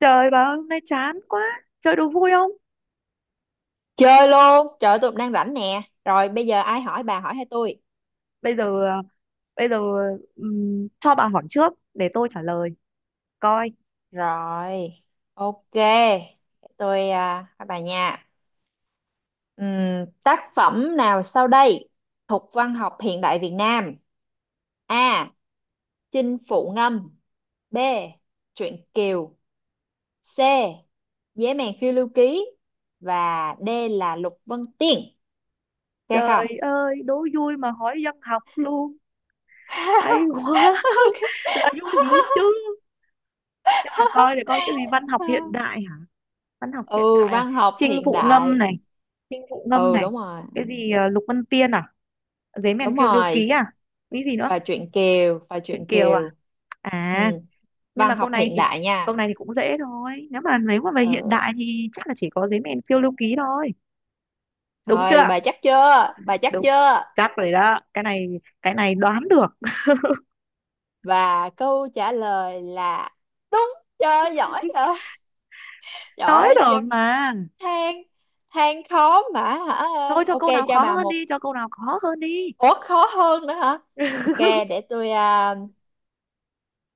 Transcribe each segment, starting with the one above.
Trời bà ơi, hôm nay chán quá. Chơi đố vui không? Chơi luôn, trời ơi, tụi mình đang rảnh nè. Rồi bây giờ ai hỏi bà hỏi hay tôi? Bây giờ à, bây giờ, cho bà hỏi trước để tôi trả lời. Coi. Rồi, ok. Tôi hỏi bà nha. Tác phẩm nào sau đây thuộc văn học hiện đại Việt Nam? A. Chinh Phụ Ngâm. B. Truyện Kiều. C. Dế mèn phiêu lưu ký. Và D là Lục Vân Tiên. Ok Trời không? ơi, đố vui mà hỏi văn học luôn. Hay quá. Ok. Là vui dữ chứ. Nhưng mà coi để coi cái gì văn học hiện đại hả? Văn học hiện Ừ, đại à? văn học Chinh hiện phụ ngâm đại. này, chinh phụ ngâm Ừ, này. đúng rồi. Cái gì Lục Vân Tiên à? Giấy mèn Đúng phiêu lưu ký rồi. à? Cái gì nữa? và truyện Kiều và Chuyện truyện Kiều à? Kiều Ừ, À, nhưng mà văn câu học này hiện thì đại nha. câu này thì cũng dễ thôi, nếu mà về hiện Ừ, đại thì chắc là chỉ có giấy mèn phiêu lưu ký thôi, đúng rồi chưa? bà chắc chưa bà chắc Đúng, chưa chắc rồi đó. Cái này, cái này đoán được. Và câu trả lời là đúng, cho giỏi rồi. Trời Nói ơi, rồi chưa. mà. Than than khó mà hả? Thôi cho Ok, câu nào cho khó bà hơn một. đi, cho câu nào khó hơn đi. Ủa, khó hơn nữa hả? Ok, để tôi à,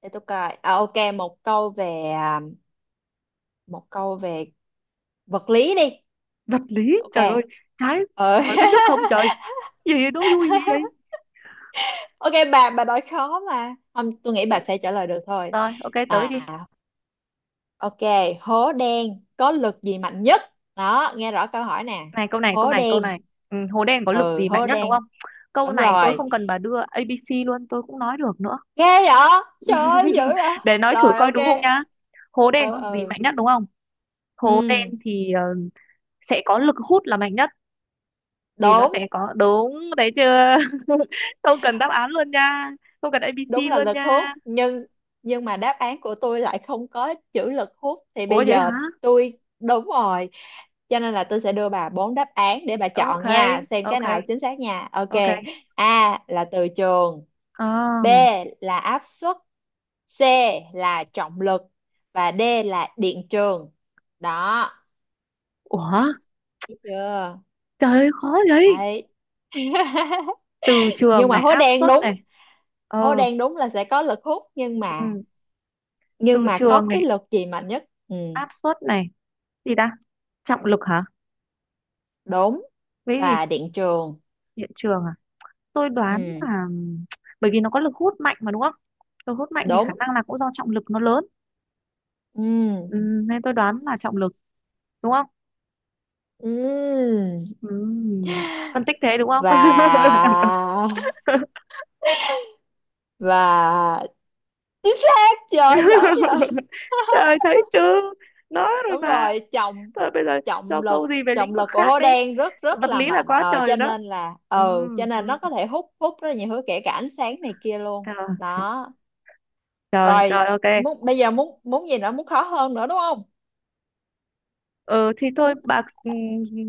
để tôi coi ok. Một câu về một câu về vật lý đi. Vật lý trời ơi. Ok. Trái. ờ. Hỏi cái nước không trời. Gì vậy? Vui gì vậy. Ok, bà nói khó mà không, tôi nghĩ Ờ, bà sẽ trả lời được thôi. rồi ok, tới à đi. ok. Hố đen có lực gì mạnh nhất? Đó, nghe rõ câu hỏi nè. Này câu này, câu Hố này, câu đen. này. Ừ, hồ đen có lực Ừ, gì mạnh hố nhất đúng đen. không? Câu Đúng này tôi rồi. không cần bà đưa a ABC luôn, tôi cũng nói được nữa. Ghê vậy, trời ơi, dữ vậy. Để nói thử Rồi, coi đúng không ok. nhá. Hố Ừ, đen có gì ừ, mạnh nhất đúng không? Hố đen ừ, thì sẽ có lực hút là mạnh nhất, vì nó đúng. sẽ có. Đúng đấy chưa? Không cần đáp án luôn nha. Không cần A Đúng ABC là luôn lực hút, nha. nhưng mà đáp án của tôi lại không có chữ lực hút thì Ủa bây vậy giờ hả? tôi đúng rồi. Cho nên là tôi sẽ đưa bà bốn đáp án để bà Ok, chọn nha, xem cái ok, nào chính xác nha. Ok. ok. A là từ trường, À, B là áp suất, C là trọng lực và D là điện trường. Đó, ủa, thấy chưa? trời ơi, khó vậy. Đấy. Từ Nhưng trường mà này, hố áp đen suất này. đúng, hố Ờ, đen đúng là sẽ có lực hút, nhưng mà ừ, nhưng từ mà trường có cái này, lực gì mạnh nhất? Ừ, áp suất này. Gì ta? Trọng lực hả? đúng. Cái gì? Và điện trường. Điện trường à? Tôi đoán Ừ, là bởi vì nó có lực hút mạnh mà đúng không. Lực hút mạnh thì khả đúng. năng là cũng do trọng lực nó lớn. Ừ, Ừ, nên tôi đoán là trọng lực, đúng không? ừ. Ừ, phân tích thế đúng không? Và và chính xác, chưa giỏi rồi. Trời thấy chưa? Nói rồi Đúng mà. rồi, trọng. Thôi bây giờ cho Trọng lực, câu gì về lĩnh trọng vực lực của khác hố đi. đen rất rất Vật là lý là mạnh, quá trời cho rồi đó. nên là, Ừ, ừ, cho nên nó ừ. có thể hút hút rất là nhiều thứ, kể cả ánh sáng này kia luôn Trời, đó. trời Rồi, trời, ok. muốn bây giờ, muốn muốn gì nữa, muốn khó hơn nữa đúng không? Ừ, thì thôi Muốn. bà,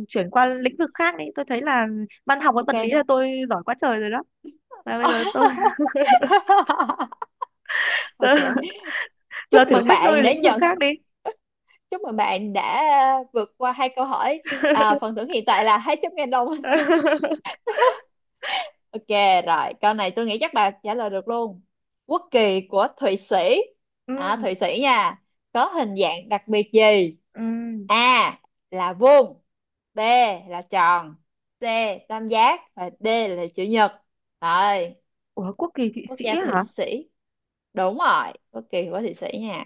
chuyển qua lĩnh vực khác đi, tôi thấy là văn học với vật lý Ok. là tôi giỏi quá trời rồi đó. Và bây giờ tôi giờ, Ok, giờ, chúc thử mừng thách bạn tôi đã lĩnh vực khác nhận. đi. Chúc mừng bạn đã vượt qua hai câu hỏi. Phần thưởng hiện tại là 200.000 đồng. Ok, rồi. Câu này tôi nghĩ chắc bà trả lời được luôn. Quốc kỳ của Thụy Sĩ. Ừ, Thụy Sĩ nha. Có hình dạng đặc biệt gì? ừ. A là vuông, B là tròn, C tam giác và D là chữ nhật. Rồi, Ủa quốc kỳ Thụy quốc Sĩ gia Thụy hả? Sĩ. Đúng rồi, quốc kỳ của Thụy Sĩ nha.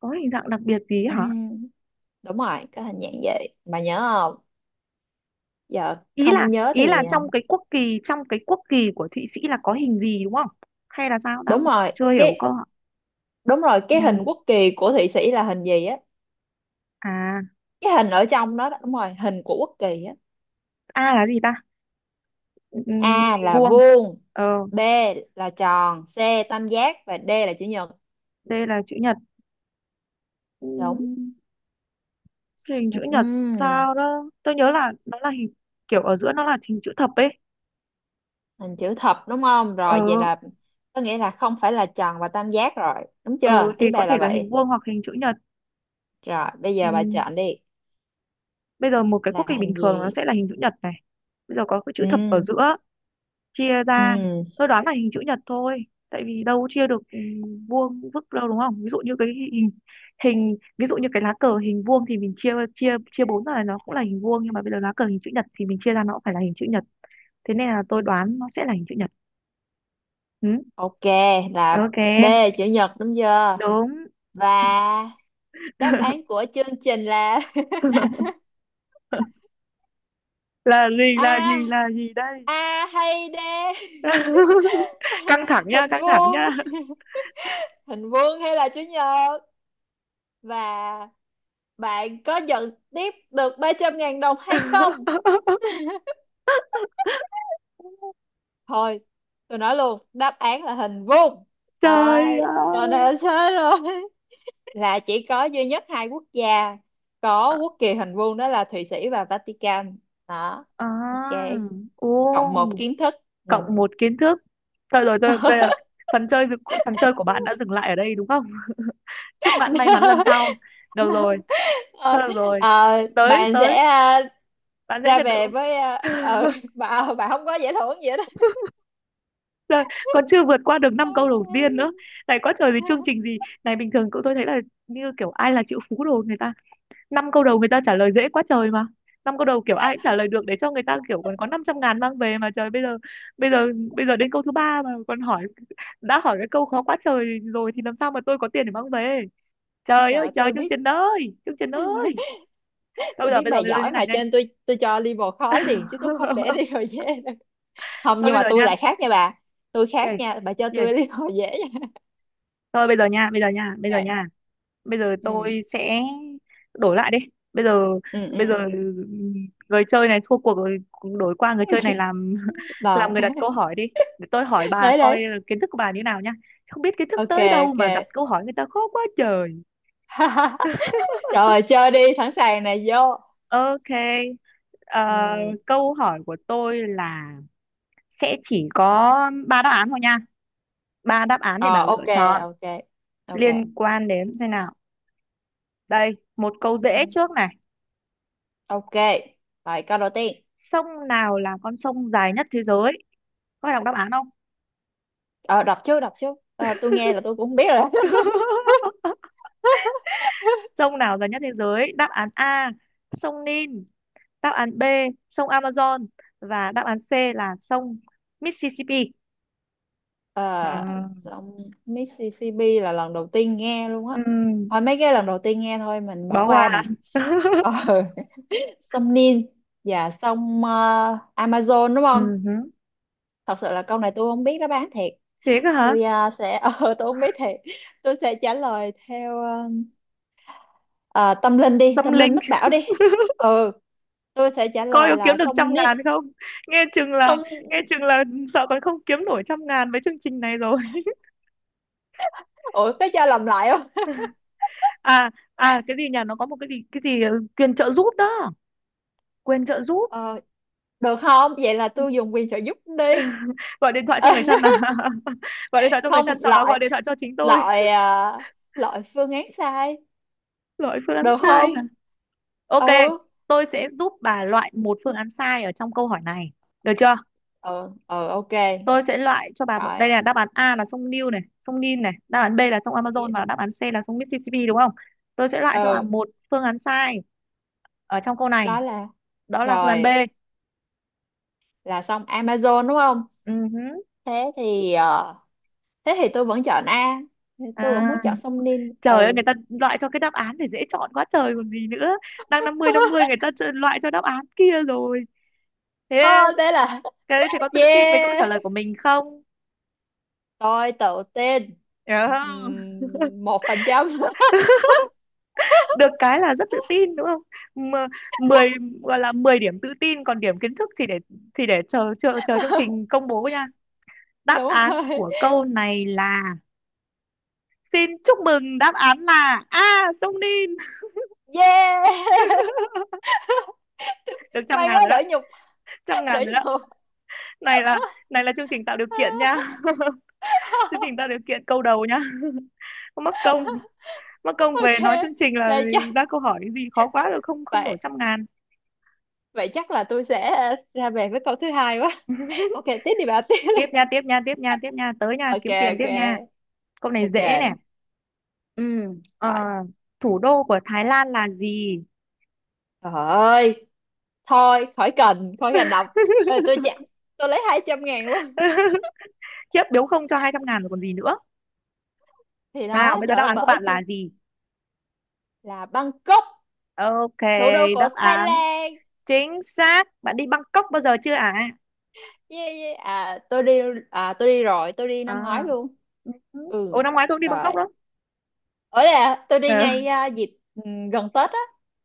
Có hình dạng đặc biệt gì hả? Ừm, đúng rồi, có hình dạng gì? Bà nhớ không? Giờ ý là không nhớ ý thì là trong cái quốc kỳ của Thụy Sĩ là có hình gì đúng không? Hay là sao đang đúng rồi chưa hiểu câu cái, ạ. đúng rồi Ừ. cái hình quốc kỳ của Thụy Sĩ là hình gì á? À, Cái hình ở trong đó, đó đúng rồi, hình của quốc kỳ á. A là gì ta? Ừ, A hình là vuông. vuông, Ờ, B là tròn, C tam giác và D là chữ nhật. D là chữ nhật. Đúng. Ừ, hình Ừ, chữ ừ. nhật. Sao đó tôi nhớ là nó là hình kiểu ở giữa nó là hình chữ thập ấy. Hình chữ thập đúng không? Ờ. Rồi vậy là có nghĩa là không phải là tròn và tam giác rồi, đúng Ờ chưa? thì Ý có bà thể là là hình vậy. vuông hoặc hình chữ nhật. Rồi bây Ừ. giờ bà chọn đi, Bây giờ một cái quốc là kỳ bình hình thường nó gì? sẽ là hình chữ nhật này. Bây giờ có cái chữ thập ở Ừ, giữa, chia ra. ừ, Tôi đoán là hình chữ nhật thôi, tại vì đâu chia được, vuông vức đâu, đúng không? Ví dụ như cái hình hình ví dụ như cái lá cờ hình vuông thì mình chia chia chia bốn ra là nó cũng là hình vuông, nhưng mà bây giờ lá cờ hình chữ nhật thì mình chia ra nó cũng phải là hình chữ nhật. Thế nên là tôi đoán nó sẽ là hình chữ nhật. Ừ? ok là Ok, D chữ nhật, đúng chưa? đúng. Và đáp án của chương trình là Là gì, là gì, a, là gì đây? a hay d. Căng thẳng nha, Hình căng thẳng vuông. nha. Hình vuông hay là chữ nhật? Và bạn có nhận tiếp được 300.000 đồng hay không? Thôi tôi nói luôn đáp án là hình vuông. Trời Rồi, còn ơi. nào thế, rồi. Là chỉ có duy nhất hai quốc gia có quốc kỳ hình vuông, đó là Thụy Sĩ và Vatican. Đó, ok, À, cộng một ô, kiến thức. Ừ. cộng một kiến thức. Thôi rồi tôi đây là phần chơi. Phần chơi của bạn đã dừng lại ở đây đúng không? Chúc bạn may mắn lần sau. Được rồi, thôi Ờ, được rồi. Tới bạn sẽ tới, bạn sẽ ra nhận được. về với bà không có giải thưởng gì hết á. Trời, còn chưa vượt qua được năm câu đầu tiên nữa. Này có trời gì, chương trình gì. Này bình thường cậu tôi thấy là như kiểu ai là triệu phú đồ, người ta năm câu đầu người ta trả lời dễ quá trời mà. Năm câu đầu kiểu ai cũng trả lời được, để cho người ta kiểu còn có 500.000 mang về mà. Trời bây giờ bây giờ đến câu thứ ba mà còn hỏi, đã hỏi cái câu khó quá trời rồi thì làm sao mà tôi có tiền để mang về. Trời Trời ơi ơi, trời, tôi chương biết, trình ơi chương trình ơi. Thôi tôi bây giờ, biết bây bà giờ, bây giờ giỏi, như này mà cho này. nên tôi cho level khó liền, chứ tôi không để level dễ. Không, Thôi nhưng bây mà giờ tôi nha. lại khác nha bà, tôi khác Gì? nha bà, cho tôi Gì? level dễ Thôi bây giờ nha, bây giờ nha, bây giờ nha. Ok. nha. Bây giờ Ừ, tôi sẽ đổi lại đi. Bây giờ, ừ, ừ, bây giờ người chơi này thua cuộc rồi. Đổi qua người chơi này làm làm rồi. người đặt câu hỏi đi. Để tôi hỏi bà Đấy, coi đấy. là kiến thức của bà như nào nhá. Không biết kiến thức Ok, tới đâu ok. mà đặt câu hỏi người ta khó quá trời. Rồi, chơi đi, sẵn sàng nè, vô. Ok. Ờ, Ừ. câu hỏi của tôi là sẽ chỉ có ba đáp án thôi nha, ba đáp án để Ờ, bà lựa ok, chọn, ok, ok. liên quan đến xem nào. Đây, một câu dễ Ừ. trước này. Ok, rồi câu đầu tiên. Sông nào là con sông dài nhất thế giới? Có phải đọc đáp án không? Ờ, đọc trước, đọc trước. Ờ, tôi nghe là tôi cũng không biết rồi đó. Sông nào dài nhất thế giới? Đáp án A, sông Nin. Đáp án B, sông Amazon. Và đáp án C là sông Mississippi. Ờ, À, dòng Mississippi là lần đầu tiên nghe luôn á. ừ, Thôi mấy cái lần đầu tiên nghe thôi, mình bỏ bỏ qua qua ạ. nè. Ờ, sông Nin và sông Amazon đúng Ừ không? hứ. Thật sự là câu này tôi không biết đó, bán thiệt. Thế cơ hả? Tôi sẽ, tôi không biết thiệt. Tôi sẽ trả lời theo ờ, tâm linh đi, Tâm tâm linh linh. mách bảo đi. Ừ, tôi sẽ trả Coi lời có kiếm là được trăm sông Nin. ngàn không, nghe chừng là, Sông, nghe chừng là sợ còn không kiếm nổi 100.000 với chương trình này rồi. ủa có cho làm lại không? À à, cái gì nhỉ? Nó có một cái gì, cái gì quyền trợ giúp đó. Quyền trợ giúp. Ờ, được không? Vậy là tôi dùng quyền trợ giúp đi. Gọi điện thoại cho người thân à? Gọi điện thoại cho người Không, thân sau đó loại gọi điện thoại cho chính tôi. loại à, loại phương án sai. Loại phương án Được không? sai à? Ok, Ừ, tôi sẽ giúp bà loại một phương án sai ở trong câu hỏi này, được chưa? ừ, ừ, ok. Tôi sẽ loại cho bà Rồi. đây là đáp án A là sông Nil này, sông Nin này, đáp án B là sông Amazon và đáp án C là sông Mississippi đúng không? Tôi sẽ loại cho bà Ừ, một phương án sai ở trong câu này. đó là Đó là phương án B. rồi là xong Amazon đúng không? Ừ hứ. Thế thì ờ, thế thì tôi vẫn chọn A. Tôi vẫn À, muốn chọn sông Nin. trời ơi, Ừ. người ta loại cho cái đáp án thì dễ chọn quá trời còn gì nữa. Đang 50/50, người ta loại cho đáp án kia rồi. Thế. Ờ, thế là Cái đấy thì có tự tin với câu trả yeah. lời của mình không? Tôi tự tin. Hiểu không? 1%. Được cái là rất tự tin đúng không? Mà 10 gọi là 10 điểm tự tin, còn điểm kiến thức thì để, thì để chờ chờ chờ chương trình công bố nha. Đáp Đúng án rồi. của câu này là, xin chúc mừng, đáp án là A, sông Ninh. Yeah! Được trăm May ngàn quá, rồi đó, đỡ nhục, trăm đỡ ngàn rồi đó. nhục. Này là này là chương trình tạo điều kiện nha. Chương trình tạo điều kiện câu đầu nha. Không, mắc công, mắc công về OK, nói chương trình là đây chắc ra câu hỏi gì khó quá rồi không, không vậy, đổi 100.000. vậy chắc là tôi sẽ ra về với câu thứ hai quá. OK, tiếp đi bà, tiếp Tiếp đi. nha, tiếp nha, tiếp nha, tiếp nha, tới nha, OK, kiếm tiền tiếp nha. OK, Câu này dễ OK. nè. Ờ, Rồi. thủ đô của Thái Lan là gì? Trời ơi, thôi khỏi cần đọc. Ê, tôi chạy, tôi lấy 200.000 luôn. Khiếp, biếu không cho 200.000 rồi còn gì nữa. Thì Nào đó, bây giờ trời đáp ơi án của bởi bạn là chi, gì? là Bangkok, Ok, thủ đô của đáp Thái án Lan. chính xác. Bạn đi Bangkok bao giờ chưa ạ? Yeah, yeah. Tôi đi rồi, tôi đi năm À, ngoái luôn. ừ. Ồ Ừ. năm ngoái tôi cũng đi Rồi. Bangkok đó. Ở là tôi đi Ờ. ngay dịp gần Tết á,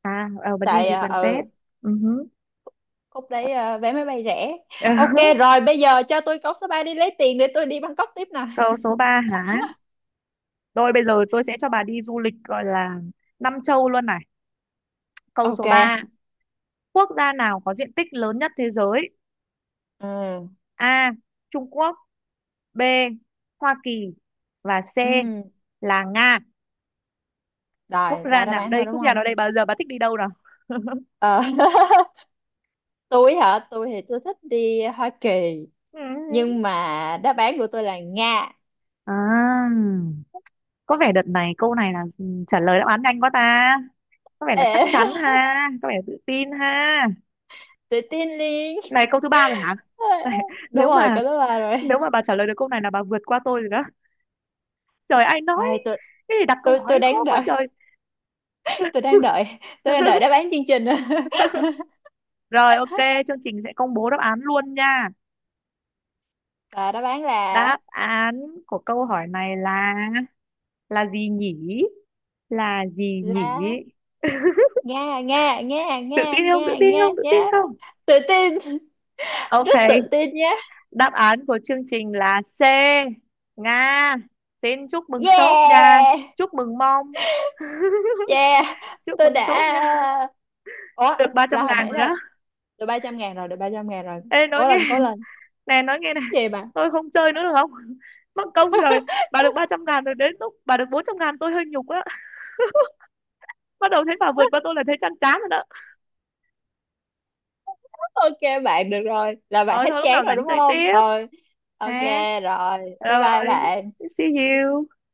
À ờ, bạn đi tại dịp gần Tết. Ừ. khúc đấy vé máy bay rẻ. Ờ. Ok, rồi bây giờ cho tôi cốc số 3 đi, lấy tiền để tôi đi Bangkok tiếp nè. Câu số 3 hả? Rồi bây giờ tôi sẽ cho bà đi du lịch gọi là năm châu luôn này. Câu số Ok. ba. Quốc gia nào có diện tích lớn nhất thế giới? Ừ, A, Trung Quốc. B, Hoa Kỳ. Và C ừ. là Nga. Quốc Rồi gia ba đã nào bán đây? thôi đúng Quốc gia nào không? đây? Bao giờ bà thích đi đâu nào? Ờ, tôi hả, tôi thì tôi thích đi Hoa Kỳ, nhưng mà đáp án của tôi là Nga. À, có vẻ đợt này câu này là trả lời đáp án nhanh quá ta. Có vẻ là chắc Ê, chắn ha, có vẻ là tự tin ha. tự tin liền. Này câu thứ ba rồi hả? Này, Đúng nếu rồi, mà cái đó ba nếu rồi. mà bà trả lời được câu này là bà vượt qua tôi rồi đó. Trời ai nói Ai, tôi, cái gì đặt câu tôi hỏi tôi đang khó quá đợi, trời. tôi đang đợi tôi đang đợi đáp án chương trình. Rồi ok, chương trình sẽ công bố đáp án luôn nha. Và đáp án là Đáp án của câu hỏi này là gì nhỉ? Là gì nhỉ? lá, nga, nga, nga, Tự nga, tin không? nga. Tự tin Nga không? Tự nhá. tin không? Tự tin, Ok, rất tự tin nhá. đáp án của chương trình là C. Nga. Xin chúc mừng sốt nha. Yeah. Chúc mừng mong. Yeah, Chúc tôi mừng đã, sốt nha. ờ, ủa, Được ba là trăm hồi ngàn nãy rồi là đó. được 300.000 rồi, được 300.000 rồi. Ê nói Cố nghe, lên, cố lên. nè nói nghe nè. Cái gì mà Tôi không chơi nữa được không? Mất công rồi. Bà được 300.000 rồi đến lúc bà được 400.000 tôi hơi nhục á. Bắt đầu thấy bà vượt qua tôi là thấy chán chán rồi đó. ok, bạn được rồi, là bạn Rồi hết thôi lúc chán nào rồi rảnh đúng chơi không? tiếp Rồi, ok, ha. rồi. Bye Rồi bye bạn. see you.